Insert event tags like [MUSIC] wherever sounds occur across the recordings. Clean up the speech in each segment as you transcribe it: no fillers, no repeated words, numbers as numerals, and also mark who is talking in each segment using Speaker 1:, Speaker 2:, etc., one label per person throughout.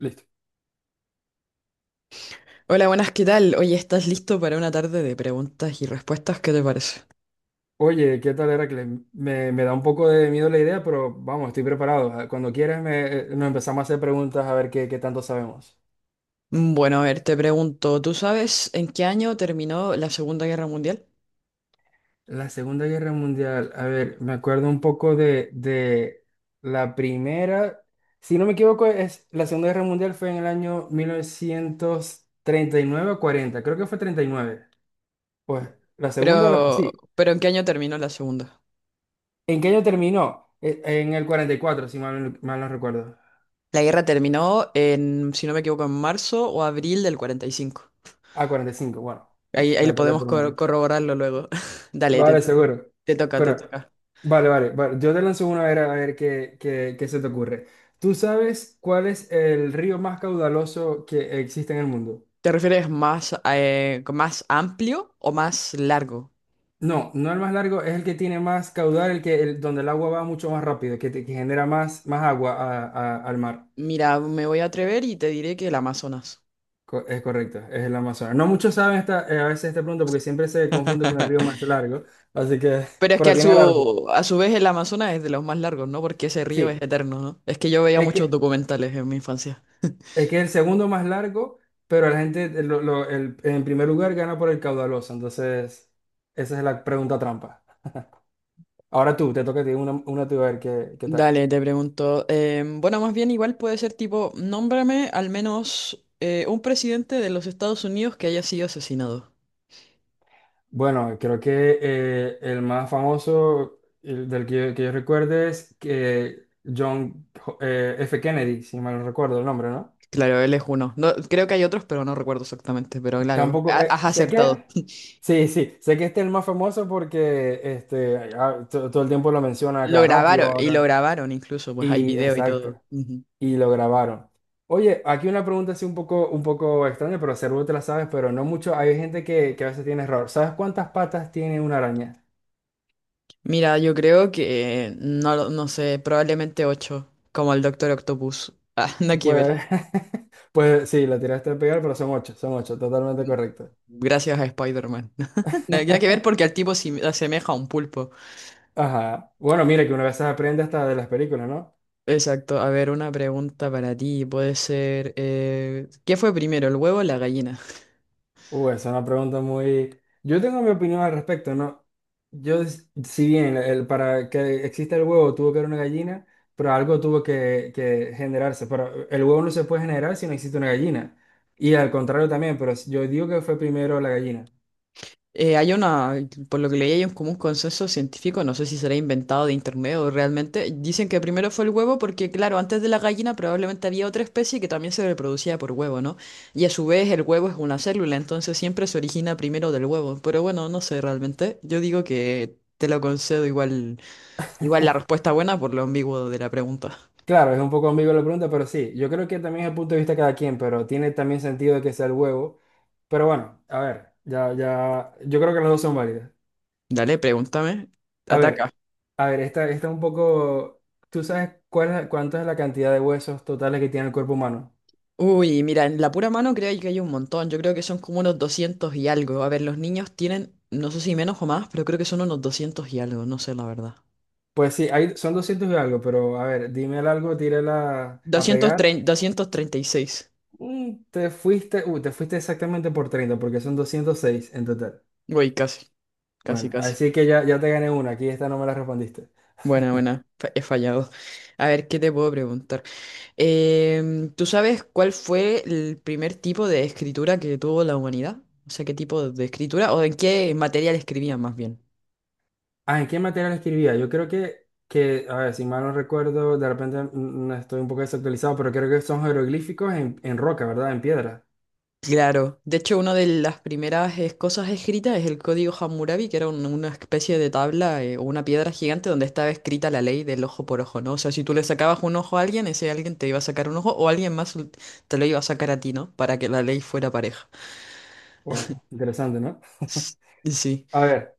Speaker 1: Listo.
Speaker 2: Hola, buenas, ¿qué tal? Oye, ¿estás listo para una tarde de preguntas y respuestas? ¿Qué te parece?
Speaker 1: Oye, ¿qué tal, Heracles? Me da un poco de miedo la idea, pero vamos, estoy preparado. Cuando quieras, nos empezamos a hacer preguntas a ver qué tanto sabemos.
Speaker 2: Bueno, a ver, te pregunto, ¿tú sabes en qué año terminó la Segunda Guerra Mundial?
Speaker 1: La Segunda Guerra Mundial, a ver, me acuerdo un poco de la primera, si no me equivoco, es, la Segunda Guerra Mundial fue en el año 1939 o 40. Creo que fue 39. Pues la segunda, o la,
Speaker 2: Pero,
Speaker 1: sí.
Speaker 2: pero ¿en qué año terminó la Segunda?
Speaker 1: ¿En qué año terminó? En el 44. Si mal, mal no recuerdo.
Speaker 2: La guerra terminó en, si no me equivoco, en marzo o abril del 45.
Speaker 1: Ah, 45. Bueno,
Speaker 2: Ahí lo
Speaker 1: me peleé
Speaker 2: podemos
Speaker 1: por un año.
Speaker 2: corroborarlo luego. [LAUGHS] Dale,
Speaker 1: Vale, seguro.
Speaker 2: te toca, te
Speaker 1: Pero,
Speaker 2: toca.
Speaker 1: vale. Yo te lanzo una a ver qué, qué se te ocurre. ¿Tú sabes cuál es el río más caudaloso que existe en el mundo?
Speaker 2: ¿Te refieres más amplio o más largo?
Speaker 1: No, no el más largo, es el que tiene más caudal, el que, donde el agua va mucho más rápido, que, que genera más, más agua al mar.
Speaker 2: Mira, me voy a atrever y te diré que el Amazonas.
Speaker 1: Es correcto, es el Amazonas. No muchos saben esta, a veces esta pregunta porque siempre se confunde con el
Speaker 2: [LAUGHS]
Speaker 1: río más largo, así que,
Speaker 2: Pero
Speaker 1: [LAUGHS]
Speaker 2: es que
Speaker 1: pero
Speaker 2: a
Speaker 1: tiene la razón.
Speaker 2: su, a su vez el Amazonas es de los más largos, ¿no? Porque ese río es
Speaker 1: Sí,
Speaker 2: eterno, ¿no? Es que yo veía
Speaker 1: es
Speaker 2: muchos
Speaker 1: que
Speaker 2: documentales en mi infancia.
Speaker 1: es que es el segundo más largo, pero la gente en primer lugar gana por el caudaloso. Entonces, esa es la pregunta trampa. Ahora tú, te toca a ti una tú, a ver qué, qué tal.
Speaker 2: Dale, te pregunto. Bueno, más bien igual puede ser tipo, nómbrame al menos un presidente de los Estados Unidos que haya sido asesinado.
Speaker 1: Bueno, creo que el más famoso el del que yo recuerde es que John F. Kennedy, si mal no recuerdo el nombre, ¿no?
Speaker 2: Claro, él es uno. No, creo que hay otros, pero no recuerdo exactamente. Pero claro,
Speaker 1: Tampoco,
Speaker 2: has
Speaker 1: sé que,
Speaker 2: acertado.
Speaker 1: sí, sé que este es el más famoso porque este, ah, todo el tiempo lo menciona a
Speaker 2: Lo
Speaker 1: cada rato y
Speaker 2: grabaron, y lo
Speaker 1: ahora.
Speaker 2: grabaron incluso, pues hay
Speaker 1: Y
Speaker 2: video y
Speaker 1: exacto.
Speaker 2: todo. Ujú.
Speaker 1: Y lo grabaron. Oye, aquí una pregunta así un poco extraña, pero seguro te la sabes, pero no mucho. Hay gente que a veces tiene error. ¿Sabes cuántas patas tiene una araña?
Speaker 2: Mira, yo creo que no, no sé, probablemente 8 como el Doctor Octopus. Ah, [LAUGHS] nada que ver.
Speaker 1: Pues, [LAUGHS] pues sí, la tiraste a pegar, pero son ocho, totalmente correcto.
Speaker 2: Gracias a Spider-Man. [LAUGHS] Nada nada que ver
Speaker 1: [LAUGHS]
Speaker 2: porque al tipo se asemeja a un pulpo.
Speaker 1: Ajá. Bueno, mire que una vez se aprende hasta de las películas, ¿no?
Speaker 2: Exacto. A ver, una pregunta para ti. Puede ser, ¿qué fue primero, el huevo o la gallina?
Speaker 1: Esa es una pregunta muy... Yo tengo mi opinión al respecto, ¿no? Yo, si bien el, para que exista el huevo tuvo que haber una gallina, pero algo tuvo que generarse. Pero el huevo no se puede generar si no existe una gallina. Y al contrario también, pero yo digo que fue primero la gallina.
Speaker 2: Hay una, por lo que leí, hay un común consenso científico, no sé si será inventado de internet o realmente. Dicen que primero fue el huevo porque, claro, antes de la gallina probablemente había otra especie que también se reproducía por huevo, ¿no? Y a su vez el huevo es una célula, entonces siempre se origina primero del huevo. Pero bueno, no sé realmente. Yo digo que te lo concedo igual, igual la respuesta buena por lo ambiguo de la pregunta.
Speaker 1: Claro, es un poco ambigua la pregunta, pero sí, yo creo que también es el punto de vista de cada quien, pero tiene también sentido que sea el huevo. Pero bueno, a ver, yo creo que las dos son válidas.
Speaker 2: Dale, pregúntame.
Speaker 1: A
Speaker 2: Ataca.
Speaker 1: ver, a ver, esta un poco. ¿Tú sabes cuánto es la cantidad de huesos totales que tiene el cuerpo humano?
Speaker 2: Uy, mira, en la pura mano creo que hay un montón. Yo creo que son como unos 200 y algo. A ver, los niños tienen, no sé si menos o más, pero creo que son unos 200 y algo, no sé la verdad.
Speaker 1: Pues sí, hay, son 200 y algo, pero a ver, dime el algo, tírala a
Speaker 2: 200, doscientos
Speaker 1: pegar.
Speaker 2: treinta 236.
Speaker 1: Te fuiste, te fuiste exactamente por 30, porque son 206 en total.
Speaker 2: Uy, casi, casi,
Speaker 1: Bueno,
Speaker 2: casi.
Speaker 1: así que ya, ya te gané una, aquí esta no me la respondiste.
Speaker 2: Buena, buena, he fallado. A ver, ¿qué te puedo preguntar? ¿Tú sabes cuál fue el primer tipo de escritura que tuvo la humanidad? O sea, ¿qué tipo de escritura o en qué material escribían más bien?
Speaker 1: Ah, ¿en qué material escribía? Yo creo que, a ver, si mal no recuerdo, de repente estoy un poco desactualizado, pero creo que son jeroglíficos en roca, ¿verdad? En piedra.
Speaker 2: Claro, de hecho una de las primeras cosas escritas es el código Hammurabi, que era una especie de tabla o una piedra gigante donde estaba escrita la ley del ojo por ojo, ¿no? O sea, si tú le sacabas un ojo a alguien, ese alguien te iba a sacar un ojo o alguien más te lo iba a sacar a ti, ¿no? Para que la ley fuera pareja.
Speaker 1: Wow, interesante, ¿no?
Speaker 2: S- Sí,
Speaker 1: [LAUGHS] A ver,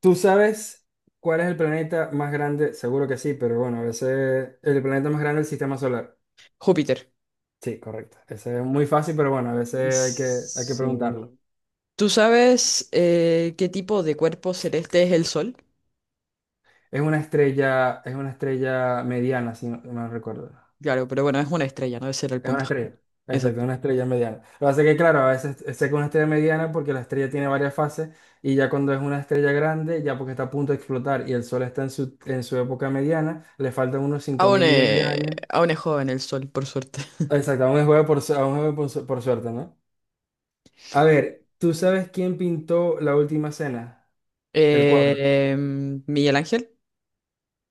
Speaker 1: ¿tú sabes cuál es el planeta más grande? Seguro que sí, pero bueno, a veces el planeta más grande del sistema solar.
Speaker 2: Júpiter.
Speaker 1: Sí, correcto. Ese es muy fácil, pero bueno, a veces hay que
Speaker 2: Sí.
Speaker 1: preguntarlo.
Speaker 2: ¿Tú sabes qué tipo de cuerpo celeste es el Sol?
Speaker 1: Es una estrella mediana, si no no recuerdo.
Speaker 2: Claro, pero bueno, es una estrella, ¿no? Ese era el
Speaker 1: Es una
Speaker 2: punto.
Speaker 1: estrella.
Speaker 2: [LAUGHS]
Speaker 1: Exacto,
Speaker 2: Exacto.
Speaker 1: una estrella mediana. Lo que pasa es que, claro, a veces sé que es una estrella mediana porque la estrella tiene varias fases y ya cuando es una estrella grande, ya porque está a punto de explotar y el Sol está en su época mediana, le faltan unos cinco
Speaker 2: Aún
Speaker 1: mil millones de
Speaker 2: es,
Speaker 1: años.
Speaker 2: aún es joven el Sol, por suerte.
Speaker 1: Exacto, aún es juego por, aún es juego por, por suerte, ¿no? A ver, ¿tú sabes quién pintó La Última Cena? El cuadro.
Speaker 2: Eh, Miguel Ángel,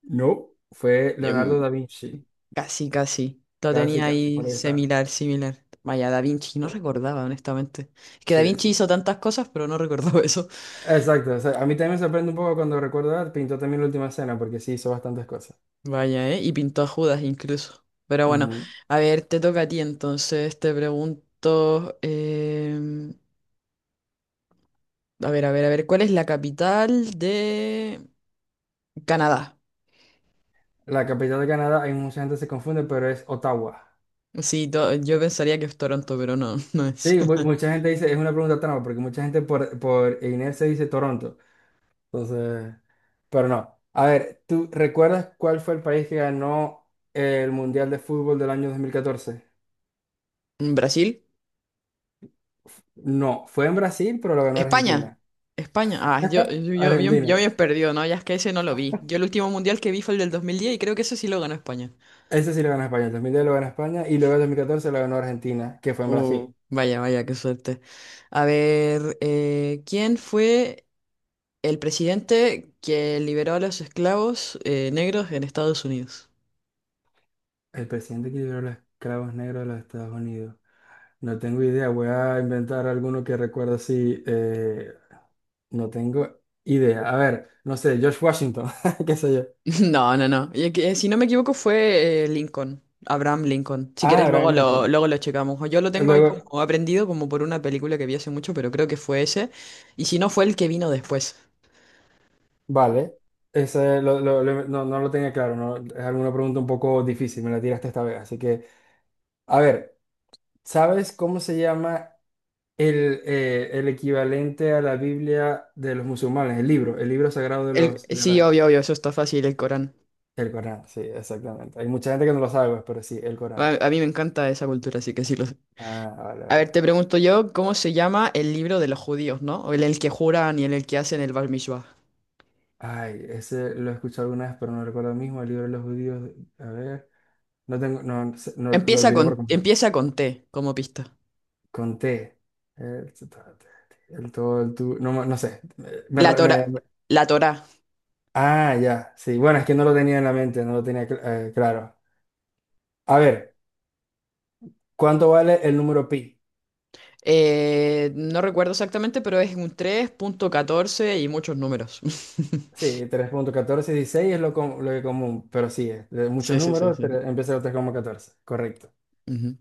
Speaker 1: No. Fue Leonardo
Speaker 2: em,
Speaker 1: da Vinci.
Speaker 2: casi, casi. Lo
Speaker 1: Casi,
Speaker 2: tenía
Speaker 1: casi, por
Speaker 2: ahí
Speaker 1: ahí está.
Speaker 2: similar, similar. Vaya, Da Vinci, no
Speaker 1: Bueno,
Speaker 2: recordaba, honestamente. Es que Da
Speaker 1: sí,
Speaker 2: Vinci
Speaker 1: sí.
Speaker 2: hizo tantas cosas, pero no recordaba [LAUGHS] eso.
Speaker 1: Exacto, o sea, a mí también me sorprende un poco cuando recuerdo, ah, pintó también La Última Cena, porque sí hizo bastantes cosas.
Speaker 2: Vaya, ¿eh? Y pintó a Judas incluso. Pero bueno,
Speaker 1: Ujú.
Speaker 2: a ver, te toca a ti entonces, te pregunto. A ver, a ver, a ver, ¿cuál es la capital de Canadá?
Speaker 1: La capital de Canadá, hay mucha gente que se confunde, pero es Ottawa.
Speaker 2: Sí, yo pensaría que es Toronto, pero no, [LAUGHS] no es.
Speaker 1: Sí,
Speaker 2: [LAUGHS]
Speaker 1: mucha gente dice, es una pregunta trampa, porque mucha gente por inercia dice Toronto. Entonces, pero no. A ver, ¿tú recuerdas cuál fue el país que ganó el Mundial de Fútbol del año 2014?
Speaker 2: ¿Brasil?
Speaker 1: No, fue en Brasil, pero lo ganó
Speaker 2: España.
Speaker 1: Argentina.
Speaker 2: España. Ah, yo, yo,
Speaker 1: [LAUGHS]
Speaker 2: yo, yo, yo
Speaker 1: Argentina.
Speaker 2: me he perdido, ¿no? Ya es que ese no lo vi. Yo el último mundial que vi fue el del 2010 y creo que ese sí lo ganó España.
Speaker 1: Ese sí lo ganó España. El 2010 lo ganó España y luego el 2014 lo ganó Argentina, que fue en
Speaker 2: Oh,
Speaker 1: Brasil.
Speaker 2: vaya, vaya, qué suerte. A ver, ¿quién fue el presidente que liberó a los esclavos negros en Estados Unidos? [LAUGHS]
Speaker 1: El presidente que liberó los esclavos negros de los Estados Unidos. No tengo idea. Voy a inventar alguno que recuerdo si no tengo idea. A ver, no sé, George Washington, [LAUGHS] qué sé yo.
Speaker 2: No, no, no. Y que, si no me equivoco fue Lincoln, Abraham Lincoln. Si
Speaker 1: Ah,
Speaker 2: quieres
Speaker 1: Abraham Lincoln.
Speaker 2: luego lo checamos. O yo lo tengo ahí
Speaker 1: Luego,
Speaker 2: como aprendido como por una película que vi hace mucho, pero creo que fue ese. Y si no fue el que vino después.
Speaker 1: vale, ese no, no lo tenía claro, ¿no? Es alguna pregunta un poco difícil, me la tiraste esta vez. Así que, a ver, ¿sabes cómo se llama el equivalente a la Biblia de los musulmanes? El libro sagrado de
Speaker 2: El,
Speaker 1: los... De
Speaker 2: sí,
Speaker 1: la-
Speaker 2: obvio, obvio, eso está fácil, el Corán.
Speaker 1: el Corán, sí, exactamente. Hay mucha gente que no lo sabe, pues, pero sí, el Corán.
Speaker 2: A mí me encanta esa cultura, así que sí lo sé.
Speaker 1: Ah,
Speaker 2: A ver,
Speaker 1: vale.
Speaker 2: te pregunto yo, ¿cómo se llama el libro de los judíos, no? O el que juran y en el que hacen el Bar Mishwah.
Speaker 1: Ay, ese lo he escuchado alguna vez, pero no recuerdo ahora mismo, el libro de los judíos. A ver, no tengo, no, no lo
Speaker 2: Empieza
Speaker 1: olvido por
Speaker 2: con,
Speaker 1: completo.
Speaker 2: empieza con T, como pista.
Speaker 1: Con T. El, el todo, el tú. No, no sé.
Speaker 2: La Torá, la Torá.
Speaker 1: Ah, ya. Sí. Bueno, es que no lo tenía en la mente, no lo tenía claro. A ver, ¿cuánto vale el número pi?
Speaker 2: No recuerdo exactamente, pero es un 3,14 y muchos números. [LAUGHS]
Speaker 1: Sí, 3,1416 es lo, lo que común, pero sí, es de muchos
Speaker 2: Sí, sí, sí,
Speaker 1: números
Speaker 2: sí.
Speaker 1: empieza con 3,14. Correcto.
Speaker 2: Ujú.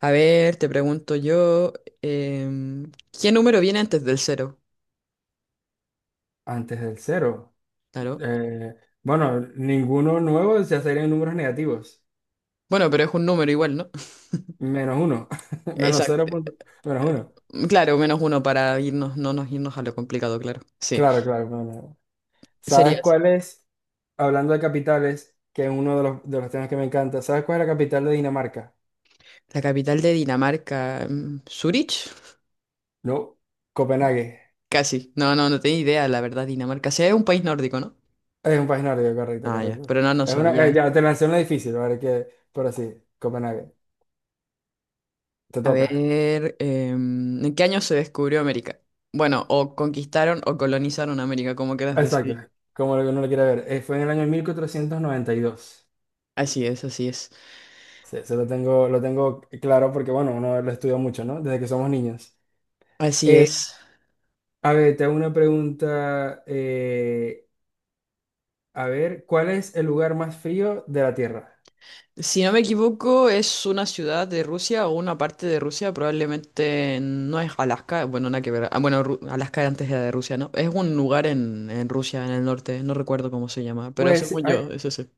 Speaker 2: A ver, te pregunto yo, em, ¿qué número viene antes del cero?
Speaker 1: Antes del cero.
Speaker 2: Claro.
Speaker 1: Eh, bueno, ninguno nuevo ya serían números negativos.
Speaker 2: Bueno, pero es un número igual, ¿no? [LAUGHS]
Speaker 1: Menos uno. [LAUGHS] Menos
Speaker 2: Exacto.
Speaker 1: cero punto- menos uno.
Speaker 2: Claro, -1 para irnos, no nos irnos a lo complicado, claro. Sí.
Speaker 1: Claro, claro. Bueno. ¿Sabes
Speaker 2: Sería así.
Speaker 1: cuál es? Hablando de capitales, que es uno de los temas que me encanta, ¿sabes cuál es la capital de Dinamarca?
Speaker 2: La capital de Dinamarca, Zurich.
Speaker 1: No, Copenhague.
Speaker 2: Casi. No, no, no tenía idea, la verdad, Dinamarca. Sí, es un país nórdico, ¿no?
Speaker 1: Es un país nórdico, correcto,
Speaker 2: Ah, ya.
Speaker 1: correcto.
Speaker 2: Pero no, no
Speaker 1: Es una,
Speaker 2: sabía.
Speaker 1: ya te lancé una difícil, ¿vale? Que, pero sí, Copenhague. Te
Speaker 2: A
Speaker 1: toca.
Speaker 2: ver, ¿en qué año se descubrió América? Bueno, o conquistaron o colonizaron América, como quieras
Speaker 1: Exacto,
Speaker 2: decir.
Speaker 1: como lo que uno lo quiere ver. Fue en el año 1492.
Speaker 2: Así es, así es.
Speaker 1: Sí, eso lo tengo claro porque, bueno, uno lo estudia mucho, ¿no? Desde que somos niños.
Speaker 2: Así
Speaker 1: Eh,
Speaker 2: es.
Speaker 1: a ver, te hago una pregunta. Eh, a ver, ¿cuál es el lugar más frío de la Tierra?
Speaker 2: Si no me equivoco, es una ciudad de Rusia o una parte de Rusia, probablemente no es Alaska, bueno, nada que ver. Ah, bueno, Alaska antes era de Rusia, ¿no? Es un lugar en Rusia, en el norte, no recuerdo cómo se llama, pero
Speaker 1: Pues
Speaker 2: según
Speaker 1: hay,
Speaker 2: yo, es ese.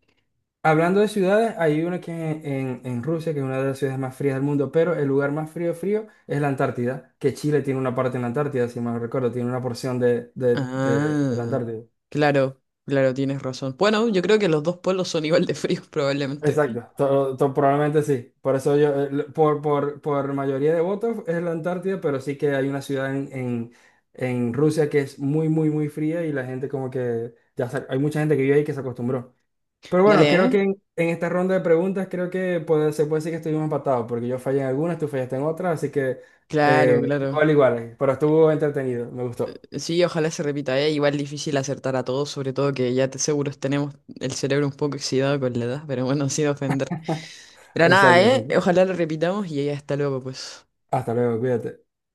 Speaker 1: hablando de ciudades, hay una que en, en Rusia, que es una de las ciudades más frías del mundo, pero el lugar más frío, frío es la Antártida, que Chile tiene una parte en la Antártida, si mal no recuerdo, tiene una porción de, de la
Speaker 2: Ah,
Speaker 1: Antártida.
Speaker 2: claro, claro, tienes razón. Bueno, yo creo que los dos pueblos son igual de fríos, [LAUGHS] probablemente.
Speaker 1: Exacto, probablemente sí. Por eso yo, por, por mayoría de votos es la Antártida, pero sí que hay una ciudad en Rusia que es muy, muy, muy fría y la gente como que, hay mucha gente que vive ahí que se acostumbró. Pero bueno,
Speaker 2: Dale,
Speaker 1: creo
Speaker 2: ¿eh?
Speaker 1: que en esta ronda de preguntas creo que se puede decir que estuvimos empatados, porque yo fallé en algunas, tú fallaste en otras, así que
Speaker 2: Claro,
Speaker 1: igual,
Speaker 2: claro.
Speaker 1: igual, pero estuvo entretenido, me gustó.
Speaker 2: Sí, ojalá se repita, ¿eh? Igual difícil acertar a todos, sobre todo que ya te seguro tenemos el cerebro un poco oxidado con la edad, pero bueno, [LAUGHS] sin ofender. Pero nada,
Speaker 1: Exacto,
Speaker 2: ¿eh?
Speaker 1: exacto.
Speaker 2: Ojalá lo repitamos y ya está luego, pues.
Speaker 1: Hasta luego, cuídate.